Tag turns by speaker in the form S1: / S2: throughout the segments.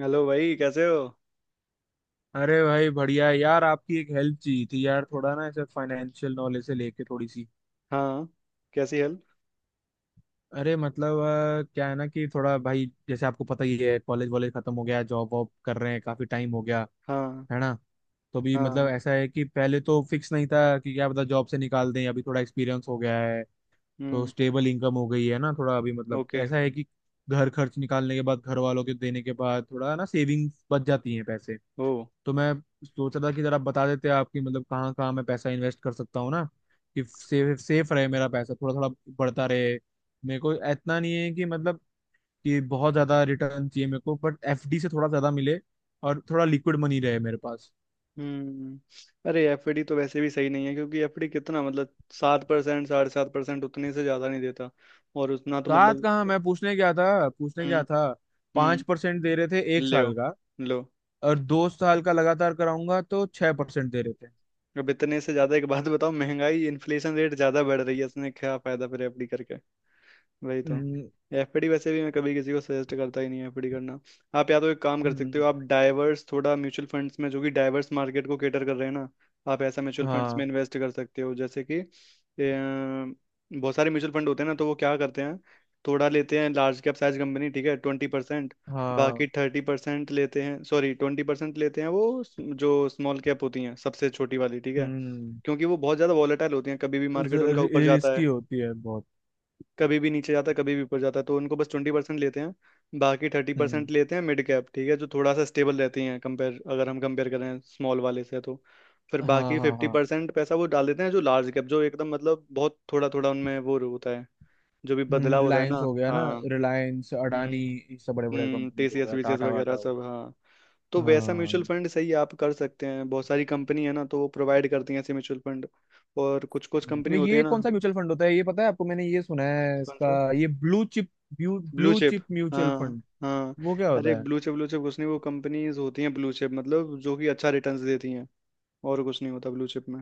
S1: Hello भाई, कैसे हो?
S2: अरे भाई बढ़िया है यार। आपकी एक हेल्प चाहिए थी यार, थोड़ा ना ऐसे फाइनेंशियल नॉलेज से लेके थोड़ी सी।
S1: हाँ। कैसी हेल्प?
S2: अरे मतलब क्या है ना कि थोड़ा भाई जैसे आपको पता ही है, कॉलेज वॉलेज खत्म हो गया, जॉब वॉब कर रहे हैं, काफी टाइम हो गया,
S1: हाँ,
S2: है ना। तो भी मतलब
S1: हाँ।
S2: ऐसा है कि पहले तो फिक्स नहीं था कि क्या पता जॉब से निकाल दें, अभी थोड़ा एक्सपीरियंस हो गया है, तो
S1: हम्म।
S2: स्टेबल इनकम हो गई है ना। थोड़ा अभी मतलब
S1: ओके।
S2: ऐसा है कि घर खर्च निकालने के बाद, घर वालों के देने के बाद, थोड़ा ना सेविंग्स बच जाती हैं पैसे।
S1: ओ।
S2: तो मैं सोच रहा था कि जरा बता देते आपकी मतलब कहाँ कहाँ मैं पैसा इन्वेस्ट कर सकता हूँ ना, कि सेफ सेफ रहे मेरा पैसा, थोड़ा थोड़ा बढ़ता रहे। मेरे को इतना नहीं है कि मतलब कि बहुत ज्यादा रिटर्न चाहिए मेरे को, बट एफडी से थोड़ा ज्यादा मिले, और थोड़ा लिक्विड मनी रहे मेरे पास।
S1: हम्म। अरे, एफडी तो वैसे भी सही नहीं है क्योंकि एफडी कितना मतलब 7% 7.5% उतने से ज़्यादा नहीं देता। और उतना तो
S2: साथ
S1: मतलब।
S2: कहाँ, मैं पूछने गया था, पूछने गया
S1: हम्म,
S2: था, पांच
S1: हम्म।
S2: परसेंट दे रहे थे एक
S1: ले
S2: साल का।
S1: लो।
S2: और 2 साल का लगातार कराऊंगा तो 6% दे रहे थे।
S1: अब इतने से ज़्यादा एक बात बताओ, महंगाई इन्फ्लेशन रेट ज़्यादा बढ़ रही है, इसने क्या फ़ायदा फिर एफडी करके। वही तो।
S2: हम्म।
S1: एफडी वैसे भी मैं कभी किसी को सजेस्ट करता ही नहीं है एफडी करना। आप या तो एक काम कर सकते
S2: हम्म।
S1: हो, आप डाइवर्स थोड़ा म्यूचुअल फंड्स में जो कि डाइवर्स मार्केट को केटर कर रहे हैं ना। आप ऐसा म्यूचुअल फंड्स में
S2: हाँ।
S1: इन्वेस्ट कर सकते हो जैसे कि बहुत सारे म्यूचुअल फंड होते हैं ना, तो वो क्या करते हैं। थोड़ा लेते हैं लार्ज कैप साइज कंपनी, ठीक है, 20%। बाकी
S2: हाँ।
S1: 30% लेते हैं, सॉरी 20% लेते हैं जो स्मॉल कैप होती हैं, सबसे छोटी वाली, ठीक है।
S2: हम्म।
S1: क्योंकि वो बहुत ज़्यादा वॉलेटाइल होती हैं, कभी भी मार्केट उनका ऊपर जाता
S2: रिस्की
S1: है,
S2: होती है बहुत।
S1: कभी भी नीचे जाता है, कभी भी ऊपर जाता है। तो उनको बस 20% लेते हैं, बाकी 30%
S2: हम्म।
S1: लेते हैं मिड कैप, ठीक है, जो थोड़ा सा स्टेबल रहती हैं कंपेयर अगर हम कंपेयर करें स्मॉल वाले से तो। फिर
S2: हाँ,
S1: बाकी
S2: हाँ,
S1: फिफ्टी
S2: हाँ।
S1: परसेंट पैसा वो डाल देते हैं जो लार्ज कैप, जो एकदम मतलब बहुत थोड़ा थोड़ा उनमें वो होता है, जो भी बदलाव होता है
S2: रिलायंस
S1: ना।
S2: हो गया ना,
S1: हाँ।
S2: रिलायंस अडानी, ये सब बड़े बड़े
S1: हम्म,
S2: कंपनीज हो
S1: टीसीएस
S2: गया,
S1: वीसीएस
S2: टाटा वाटा
S1: वगैरह
S2: हो
S1: सब।
S2: गया।
S1: हाँ, तो वैसा
S2: हाँ।
S1: म्यूचुअल फंड सही आप कर सकते हैं, बहुत सारी कंपनी है ना, तो वो प्रोवाइड करती हैं ऐसे म्यूचुअल फंड। और कुछ कुछ कंपनी
S2: मैं
S1: होती है
S2: ये
S1: ना।
S2: कौन सा म्यूचुअल फंड होता है, ये पता है आपको? मैंने ये सुना है
S1: कौन
S2: इसका,
S1: सा?
S2: ये blue chip,
S1: blue
S2: blue
S1: chip.
S2: Chip mutual
S1: हाँ।
S2: फंड,
S1: हाँ।
S2: वो क्या
S1: अरे,
S2: होता है?
S1: ब्लू चिप कुछ नहीं, वो कंपनीज होती हैं ब्लू चिप मतलब जो कि अच्छा रिटर्न्स देती हैं। और कुछ नहीं होता ब्लू चिप में।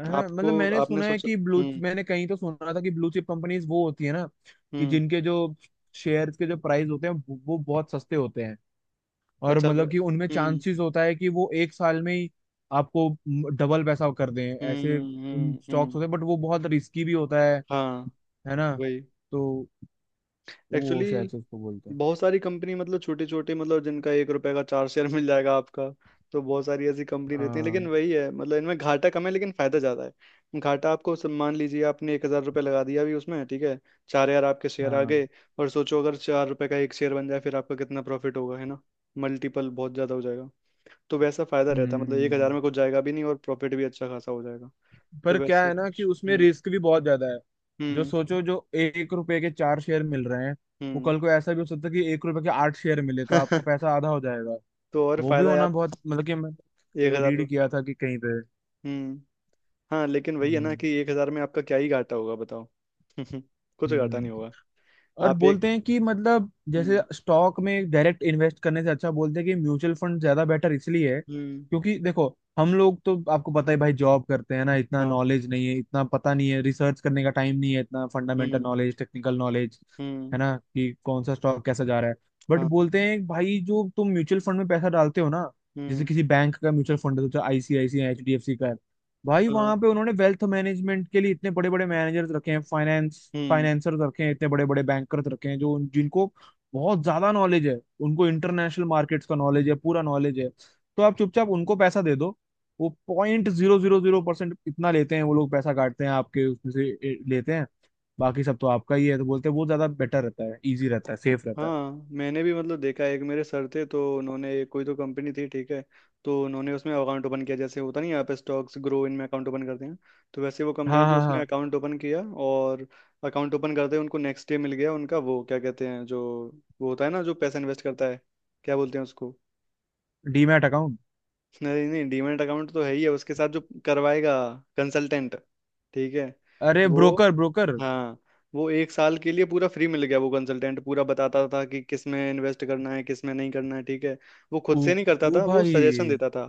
S2: हाँ,
S1: आपको
S2: मतलब मैंने
S1: आपने
S2: सुना है
S1: सोचा।
S2: कि ब्लू,
S1: हम्म।
S2: मैंने कहीं तो सुना था कि ब्लू चिप कंपनीज वो होती है ना कि
S1: हम्म।
S2: जिनके जो शेयर्स के जो प्राइस होते हैं वो बहुत सस्ते होते हैं, और
S1: अच्छा।
S2: मतलब कि उनमें
S1: हम्म।
S2: चांसेस होता है कि वो 1 साल में ही आपको डबल पैसा कर दें।
S1: हम्म।
S2: ऐसे उन
S1: हम्म।
S2: स्टॉक्स
S1: हम्म।
S2: होते हैं, बट वो बहुत रिस्की भी होता है
S1: हाँ।
S2: है ना।
S1: वही।
S2: तो वो शायद
S1: एक्चुअली
S2: से उसको बोलते हैं।
S1: बहुत सारी कंपनी मतलब छोटी छोटी, मतलब जिनका 1 रुपए का चार शेयर मिल जाएगा आपका। तो बहुत सारी ऐसी कंपनी रहती है, लेकिन
S2: हाँ,
S1: वही है, मतलब इनमें घाटा कम है लेकिन फायदा ज्यादा है। घाटा आपको मान लीजिए आपने 1,000 रुपये लगा दिया अभी उसमें, ठीक है। 4,000 आपके शेयर आ
S2: हाँ।
S1: गए। और सोचो अगर 4 रुपए का एक शेयर बन जाए, फिर आपका कितना प्रॉफिट होगा, है ना। मल्टीपल बहुत ज्यादा हो जाएगा। तो वैसा फायदा रहता है, मतलब 1,000
S2: हम्म।
S1: में कुछ जाएगा भी नहीं और प्रॉफिट भी अच्छा खासा हो जाएगा। तो
S2: पर क्या
S1: वैसा
S2: है ना कि
S1: कुछ।
S2: उसमें
S1: हम्म।
S2: रिस्क भी बहुत ज्यादा है। जो
S1: हम्म।
S2: सोचो जो 1 रुपए के चार शेयर मिल रहे हैं, वो
S1: हम्म।
S2: कल को ऐसा भी हो सकता है कि 1 रुपए के आठ शेयर मिले तो आपका पैसा आधा हो जाएगा।
S1: तो और
S2: वो भी
S1: फायदा है
S2: होना
S1: आप
S2: बहुत मतलब कि मैं
S1: 1,000।
S2: रीड किया था कि कहीं पे।
S1: हम्म। हाँ, लेकिन वही है ना
S2: हम्म।
S1: कि 1,000 में आपका क्या ही घाटा होगा, बताओ। कुछ घाटा नहीं
S2: हम्म।
S1: होगा।
S2: और
S1: आप एक।
S2: बोलते हैं कि मतलब जैसे
S1: हम्म।
S2: स्टॉक में डायरेक्ट इन्वेस्ट करने से अच्छा बोलते हैं कि म्यूचुअल फंड ज्यादा बेटर इसलिए है
S1: हम्म।
S2: क्योंकि देखो हम लोग तो आपको पता है भाई जॉब करते हैं ना, इतना
S1: हाँ।
S2: नॉलेज नहीं है, इतना पता नहीं है, रिसर्च करने का टाइम नहीं है इतना, फंडामेंटल
S1: हम्म।
S2: नॉलेज टेक्निकल नॉलेज, है
S1: हम्म।
S2: ना, कि कौन सा स्टॉक कैसा जा रहा है। बट
S1: हाँ।
S2: बोलते हैं भाई जो तुम म्यूचुअल फंड में पैसा डालते हो ना, जैसे
S1: हम्म।
S2: किसी बैंक का म्यूचुअल फंड है तो आईसीआईसीआई, एचडीएफसी, भाई
S1: हाँ।
S2: वहां पे उन्होंने वेल्थ मैनेजमेंट के लिए इतने बड़े बड़े मैनेजर्स रखे हैं, फाइनेंस
S1: हम्म।
S2: फाइनेंसर्स रखे हैं, इतने बड़े बड़े बैंकर्स रखे हैं जो जिनको बहुत ज्यादा नॉलेज है। उनको इंटरनेशनल मार्केट्स का नॉलेज है, पूरा नॉलेज है, तो आप चुपचाप उनको पैसा दे दो। वो 0.000% इतना लेते हैं वो लोग, पैसा काटते हैं आपके उसमें से लेते हैं। बाकी सब तो आपका ही है, तो बोलते हैं वो ज्यादा बेटर रहता है, इजी रहता है, सेफ रहता है।
S1: हाँ, मैंने भी मतलब देखा है, एक मेरे सर थे तो उन्होंने कोई तो कंपनी थी, ठीक है। तो उन्होंने उसमें अकाउंट ओपन किया, जैसे होता नहीं है, आप स्टॉक्स ग्रो इनमें अकाउंट ओपन करते हैं। तो वैसे वो कंपनी
S2: हाँ,
S1: थी,
S2: हाँ,
S1: उसमें
S2: हाँ।
S1: अकाउंट ओपन किया, और अकाउंट ओपन करते ही उनको नेक्स्ट डे मिल गया उनका वो क्या कहते हैं, जो वो होता है ना जो पैसा इन्वेस्ट करता है, क्या बोलते हैं उसको।
S2: Demat account.
S1: नहीं नहीं, डीमैट अकाउंट तो है ही है उसके साथ, जो करवाएगा, कंसल्टेंट। ठीक है।
S2: अरे
S1: वो।
S2: Broker broker.
S1: हाँ। वो एक साल के लिए पूरा फ्री मिल गया वो कंसल्टेंट, पूरा बताता था कि किस में इन्वेस्ट करना है, किस में नहीं करना है, ठीक है। वो खुद
S2: ओ,
S1: से नहीं करता
S2: ओ
S1: था, वो
S2: भाई,
S1: सजेशन देता था।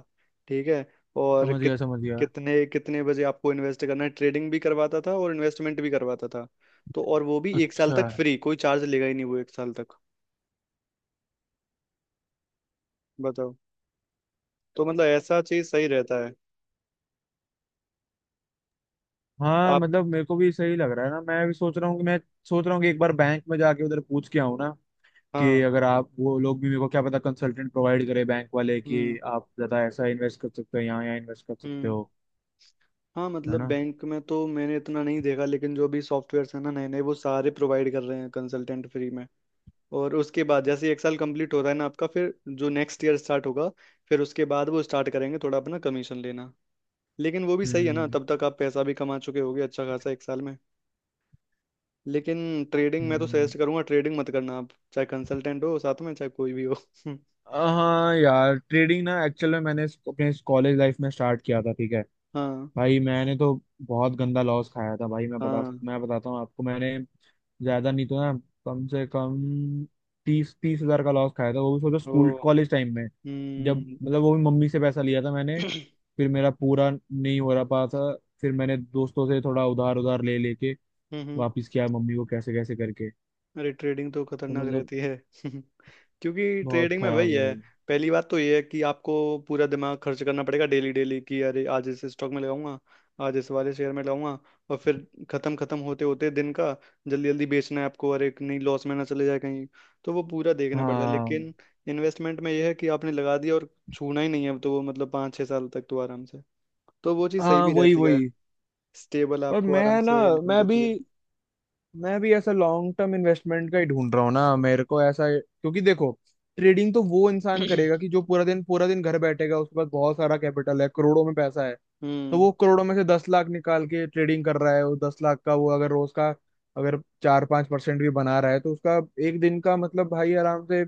S1: ठीक है। और
S2: समझ गया समझ गया।
S1: कितने कितने बजे आपको इन्वेस्ट करना है, ट्रेडिंग भी करवाता था और इन्वेस्टमेंट भी करवाता था। तो और वो भी एक साल
S2: अच्छा।
S1: तक फ्री, कोई चार्ज लेगा ही नहीं वो एक साल तक। बताओ। तो मतलब ऐसा चीज सही रहता है।
S2: हाँ,
S1: आप।
S2: मतलब मेरे को भी सही लग रहा है ना, मैं भी सोच रहा हूँ कि मैं सोच रहा हूँ कि एक बार बैंक में जाके उधर पूछ के आऊँ ना। कि
S1: हाँ।
S2: अगर आप, वो लोग भी मेरे को क्या पता कंसल्टेंट प्रोवाइड करे बैंक वाले, कि
S1: हम्म।
S2: आप ज्यादा ऐसा इन्वेस्ट कर सकते हो, यहाँ यहाँ इन्वेस्ट कर सकते
S1: हम्म।
S2: हो,
S1: हाँ,
S2: है
S1: मतलब
S2: ना।
S1: बैंक में तो मैंने इतना नहीं देखा, लेकिन जो भी सॉफ्टवेयर्स हैं ना नए नए, वो सारे प्रोवाइड कर रहे हैं कंसल्टेंट फ्री में। और उसके बाद जैसे एक साल कंप्लीट हो रहा है ना आपका, फिर जो नेक्स्ट ईयर स्टार्ट होगा, फिर उसके बाद वो स्टार्ट करेंगे थोड़ा अपना कमीशन लेना। लेकिन वो भी सही है ना,
S2: हम्म।
S1: तब तक आप पैसा भी कमा चुके होगे अच्छा खासा एक साल में। लेकिन ट्रेडिंग, मैं तो
S2: हम्म।
S1: सजेस्ट करूंगा ट्रेडिंग मत करना आप, चाहे कंसल्टेंट हो साथ में, चाहे कोई भी हो।
S2: हाँ यार, ट्रेडिंग ना एक्चुअल में मैंने अपने कॉलेज लाइफ में स्टार्ट किया था, ठीक है,
S1: हाँ।
S2: भाई मैंने तो बहुत गंदा लॉस खाया था भाई। मैं बता सक
S1: हाँ।
S2: मैं बताता हूँ आपको, मैंने ज्यादा नहीं तो ना, कम से कम 30,000 30,000 का लॉस खाया था, वो भी सोचो
S1: ओ।
S2: स्कूल कॉलेज टाइम में जब।
S1: हम्म।
S2: मतलब वो भी मम्मी से पैसा लिया था मैंने, फिर मेरा पूरा नहीं हो रहा पा था, फिर मैंने दोस्तों से थोड़ा उधार उधार ले लेके
S1: हम्म। हम्म।
S2: वापिस किया मम्मी को कैसे कैसे करके।
S1: अरे, ट्रेडिंग तो
S2: तो
S1: खतरनाक
S2: मतलब
S1: रहती है। क्योंकि
S2: बहुत
S1: ट्रेडिंग में
S2: खराब
S1: वही
S2: है
S1: है,
S2: भाई।
S1: पहली बात तो ये है कि आपको पूरा दिमाग खर्च करना पड़ेगा डेली डेली, कि अरे आज इस स्टॉक में लगाऊंगा, आज इस वाले शेयर में लगाऊंगा, और फिर खत्म खत्म होते होते दिन का जल्दी जल्दी बेचना है आपको, अरे नहीं लॉस में ना चले जाए कहीं। तो वो पूरा देखना पड़ता है,
S2: हाँ
S1: लेकिन इन्वेस्टमेंट में यह है कि आपने लगा दिया और छूना ही नहीं है, तो वो मतलब 5-6 साल तक तो आराम से, तो वो चीज़ सही
S2: हाँ,
S1: भी
S2: वही
S1: रहती है।
S2: वही।
S1: स्टेबल
S2: और
S1: आपको
S2: मैं
S1: आराम
S2: ना,
S1: से इनकम
S2: मैं भी
S1: देती है।
S2: मैं भी ऐसा लॉन्ग टर्म इन्वेस्टमेंट का ही ढूंढ रहा हूँ ना मेरे को ऐसा, क्योंकि देखो ट्रेडिंग तो वो इंसान करेगा कि जो पूरा दिन घर बैठेगा, उसके पास बहुत सारा कैपिटल है, करोड़ों में पैसा है। तो
S1: हम्म।
S2: वो करोड़ों में से 10 लाख निकाल के ट्रेडिंग कर रहा है, वो 10 लाख का वो अगर रोज का अगर 4-5% भी बना रहा है तो उसका एक दिन का मतलब भाई आराम से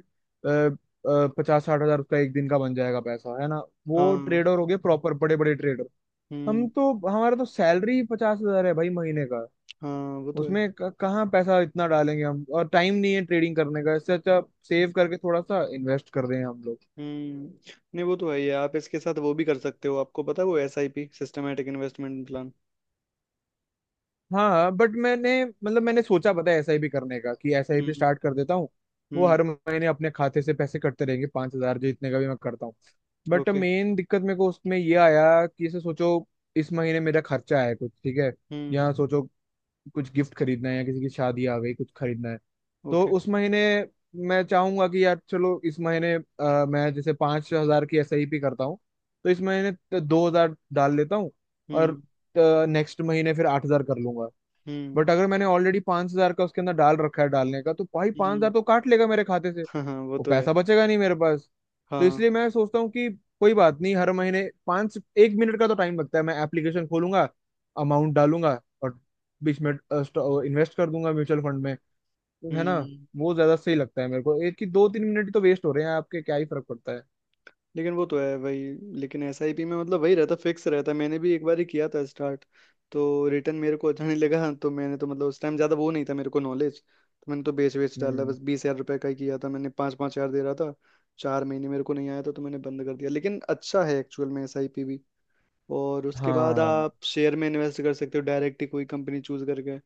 S2: 50-60 हजार उसका एक दिन का बन जाएगा पैसा, है ना। वो
S1: हाँ।
S2: ट्रेडर हो गए प्रॉपर, बड़े बड़े ट्रेडर। हम
S1: हम्म।
S2: तो हमारा तो सैलरी 50,000 है भाई महीने का,
S1: हाँ, वो तो है।
S2: उसमें कहाँ पैसा इतना डालेंगे हम, और टाइम नहीं है ट्रेडिंग करने का, इससे अच्छा सेव करके थोड़ा सा इन्वेस्ट कर रहे हैं हम लोग।
S1: हम्म। नहीं, वो तो है ही है, आप इसके साथ वो भी कर सकते हो, आपको पता है वो SIP, सिस्टमेटिक इन्वेस्टमेंट प्लान।
S2: हाँ बट मैंने मतलब मैंने सोचा पता है एसआईपी करने का कि एसआईपी
S1: हम्म।
S2: स्टार्ट कर देता हूँ, वो
S1: हम्म।
S2: हर महीने अपने खाते से पैसे कटते रहेंगे 5,000, जो इतने का भी मैं करता हूँ। But
S1: okay.
S2: मेन दिक्कत मेरे को उसमें ये आया कि जैसे सोचो इस महीने मेरा खर्चा है कुछ, ठीक है,
S1: हम्म।
S2: या सोचो कुछ गिफ्ट खरीदना है या किसी की शादी आ गई, कुछ खरीदना है तो
S1: ओके।
S2: उस महीने मैं चाहूंगा कि यार चलो इस महीने मैं जैसे 5,000 की एसआईपी करता हूँ, तो इस महीने 2,000 डाल लेता हूँ और
S1: हम्म।
S2: नेक्स्ट महीने फिर 8,000 कर लूंगा।
S1: हम्म।
S2: बट अगर मैंने ऑलरेडी 5,000 का उसके अंदर डाल रखा है डालने का तो भाई पांच
S1: हम्म।
S2: हजार तो काट लेगा मेरे खाते से,
S1: हाँ, हाँ, वो
S2: वो
S1: तो है।
S2: पैसा बचेगा नहीं मेरे पास। तो
S1: हाँ।
S2: इसलिए मैं सोचता हूँ कि कोई बात नहीं, हर महीने पाँच 1 मिनट का तो टाइम लगता है, मैं एप्लीकेशन खोलूंगा, अमाउंट डालूंगा, और बीच में इन्वेस्ट कर दूंगा म्यूचुअल फंड में, तो है ना।
S1: हम्म।
S2: वो ज्यादा सही लगता है मेरे को, एक की 2-3 मिनट तो वेस्ट हो रहे हैं आपके, क्या ही फर्क पड़ता है।
S1: लेकिन वो तो है वही। लेकिन एसआईपी में मतलब वही रहता फिक्स रहता, मैंने भी एक बार ही किया था स्टार्ट। तो रिटर्न मेरे को अच्छा नहीं लगा, तो मैंने तो मतलब उस टाइम ज़्यादा वो नहीं था मेरे को नॉलेज, तो मैंने तो बेच बेच डाला।
S2: हम्म।
S1: बस 20,000 रुपये का ही किया था मैंने, पाँच पाँच हज़ार दे रहा था 4 महीने, मेरे को नहीं आया था, तो मैंने बंद कर दिया। लेकिन अच्छा है एक्चुअल में एसआईपी भी। और उसके बाद
S2: हाँ
S1: आप शेयर में इन्वेस्ट कर सकते हो, डायरेक्ट ही कोई कंपनी चूज करके।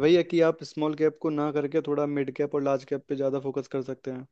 S1: वही है कि आप स्मॉल कैप को ना करके थोड़ा मिड कैप और लार्ज कैप पे ज़्यादा फोकस कर सकते हैं।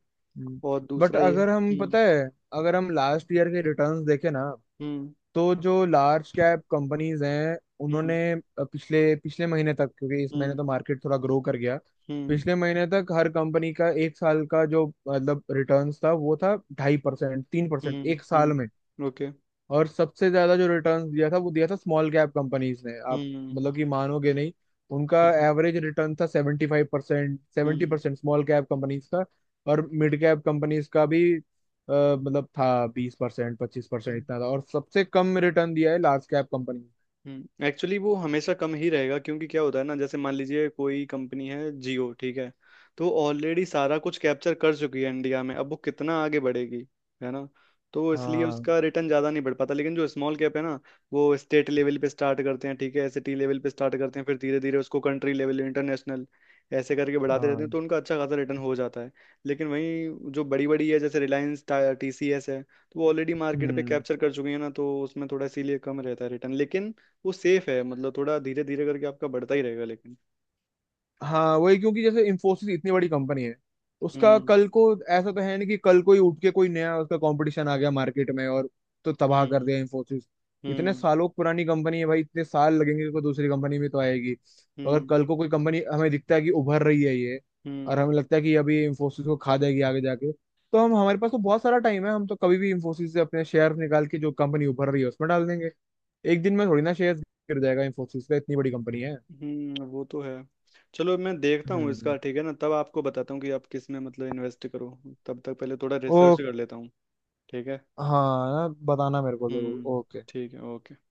S1: और
S2: बट
S1: दूसरा ये।
S2: अगर हम
S1: हम्म।
S2: पता है अगर हम लास्ट ईयर के रिटर्न्स देखें ना,
S1: हम्म।
S2: तो जो लार्ज कैप कंपनीज हैं उन्होंने
S1: हम्म।
S2: पिछले पिछले महीने तक, क्योंकि इस महीने तो
S1: हम्म।
S2: मार्केट थोड़ा ग्रो कर गया,
S1: हम्म।
S2: पिछले महीने तक हर कंपनी का एक साल का जो मतलब रिटर्न्स था, वो था 2.5% 3%
S1: हम्म।
S2: 1 साल
S1: हम्म।
S2: में।
S1: ओके।
S2: और सबसे ज्यादा जो रिटर्न दिया था वो दिया था स्मॉल कैप कंपनीज ने, आप
S1: हम्म।
S2: मतलब कि मानोगे नहीं, उनका एवरेज रिटर्न था 75% सेवेंटी
S1: हम्म।
S2: परसेंट स्मॉल कैप कंपनीज का। और मिड कैप कंपनीज का भी मतलब था 20% 25%,
S1: हम्म।
S2: इतना था, और सबसे कम रिटर्न दिया है लार्ज कैप कंपनी।
S1: हम्म। एक्चुअली वो हमेशा कम ही रहेगा, क्योंकि क्या होता है ना, जैसे मान लीजिए कोई कंपनी है जियो, ठीक है, तो ऑलरेडी सारा कुछ कैप्चर कर चुकी है इंडिया में, अब वो कितना आगे बढ़ेगी, है ना। तो इसलिए
S2: हाँ,
S1: उसका रिटर्न ज़्यादा नहीं बढ़ पाता, लेकिन जो स्मॉल कैप है ना, वो स्टेट लेवल पे स्टार्ट करते हैं, ठीक है, सिटी लेवल पे स्टार्ट करते हैं, फिर धीरे धीरे उसको कंट्री लेवल इंटरनेशनल, ऐसे करके बढ़ाते रहते
S2: हाँ।
S1: हैं, तो उनका अच्छा खासा रिटर्न हो जाता है। लेकिन वहीं जो बड़ी बड़ी है जैसे रिलायंस टीसीएस है, तो वो ऑलरेडी मार्केट पे
S2: हम्म।
S1: कैप्चर कर चुकी है ना, तो उसमें थोड़ा इसीलिए कम रहता है रिटर्न। लेकिन वो सेफ है, मतलब थोड़ा धीरे धीरे करके आपका बढ़ता ही रहेगा, लेकिन।
S2: हाँ वही, क्योंकि जैसे इंफोसिस इतनी बड़ी कंपनी है तो उसका
S1: हम्म।
S2: कल को ऐसा तो है नहीं कि कल कोई उठ के कोई नया उसका कंपटीशन आ गया मार्केट में और तो तबाह कर
S1: हम्म।
S2: दिया इंफोसिस। इतने
S1: हम्म।
S2: सालों पुरानी कंपनी है भाई, इतने साल लगेंगे कोई दूसरी कंपनी में तो आएगी, तो अगर
S1: हम्म।
S2: कल को कोई कंपनी हमें दिखता है कि उभर रही है ये, और
S1: हम्म।
S2: हमें लगता है कि अभी इंफोसिस को खा जाएगी आगे जाके, तो हम हमारे पास तो बहुत सारा टाइम है, हम तो कभी भी इंफोसिस से अपने शेयर निकाल के जो कंपनी उभर रही है उसमें डाल देंगे। एक दिन में थोड़ी ना शेयर गिर जाएगा इंफोसिस का, इतनी बड़ी कंपनी है।
S1: हम्म। वो तो है। चलो मैं देखता हूँ इसका,
S2: हम्म।
S1: ठीक है ना, तब आपको बताता हूँ कि आप किस में मतलब इन्वेस्ट करो। तब तक पहले थोड़ा रिसर्च कर लेता हूँ। ठीक है।
S2: हाँ ना बताना मेरे को जरूर,
S1: हम्म।
S2: ओके।
S1: ठीक है, ओके।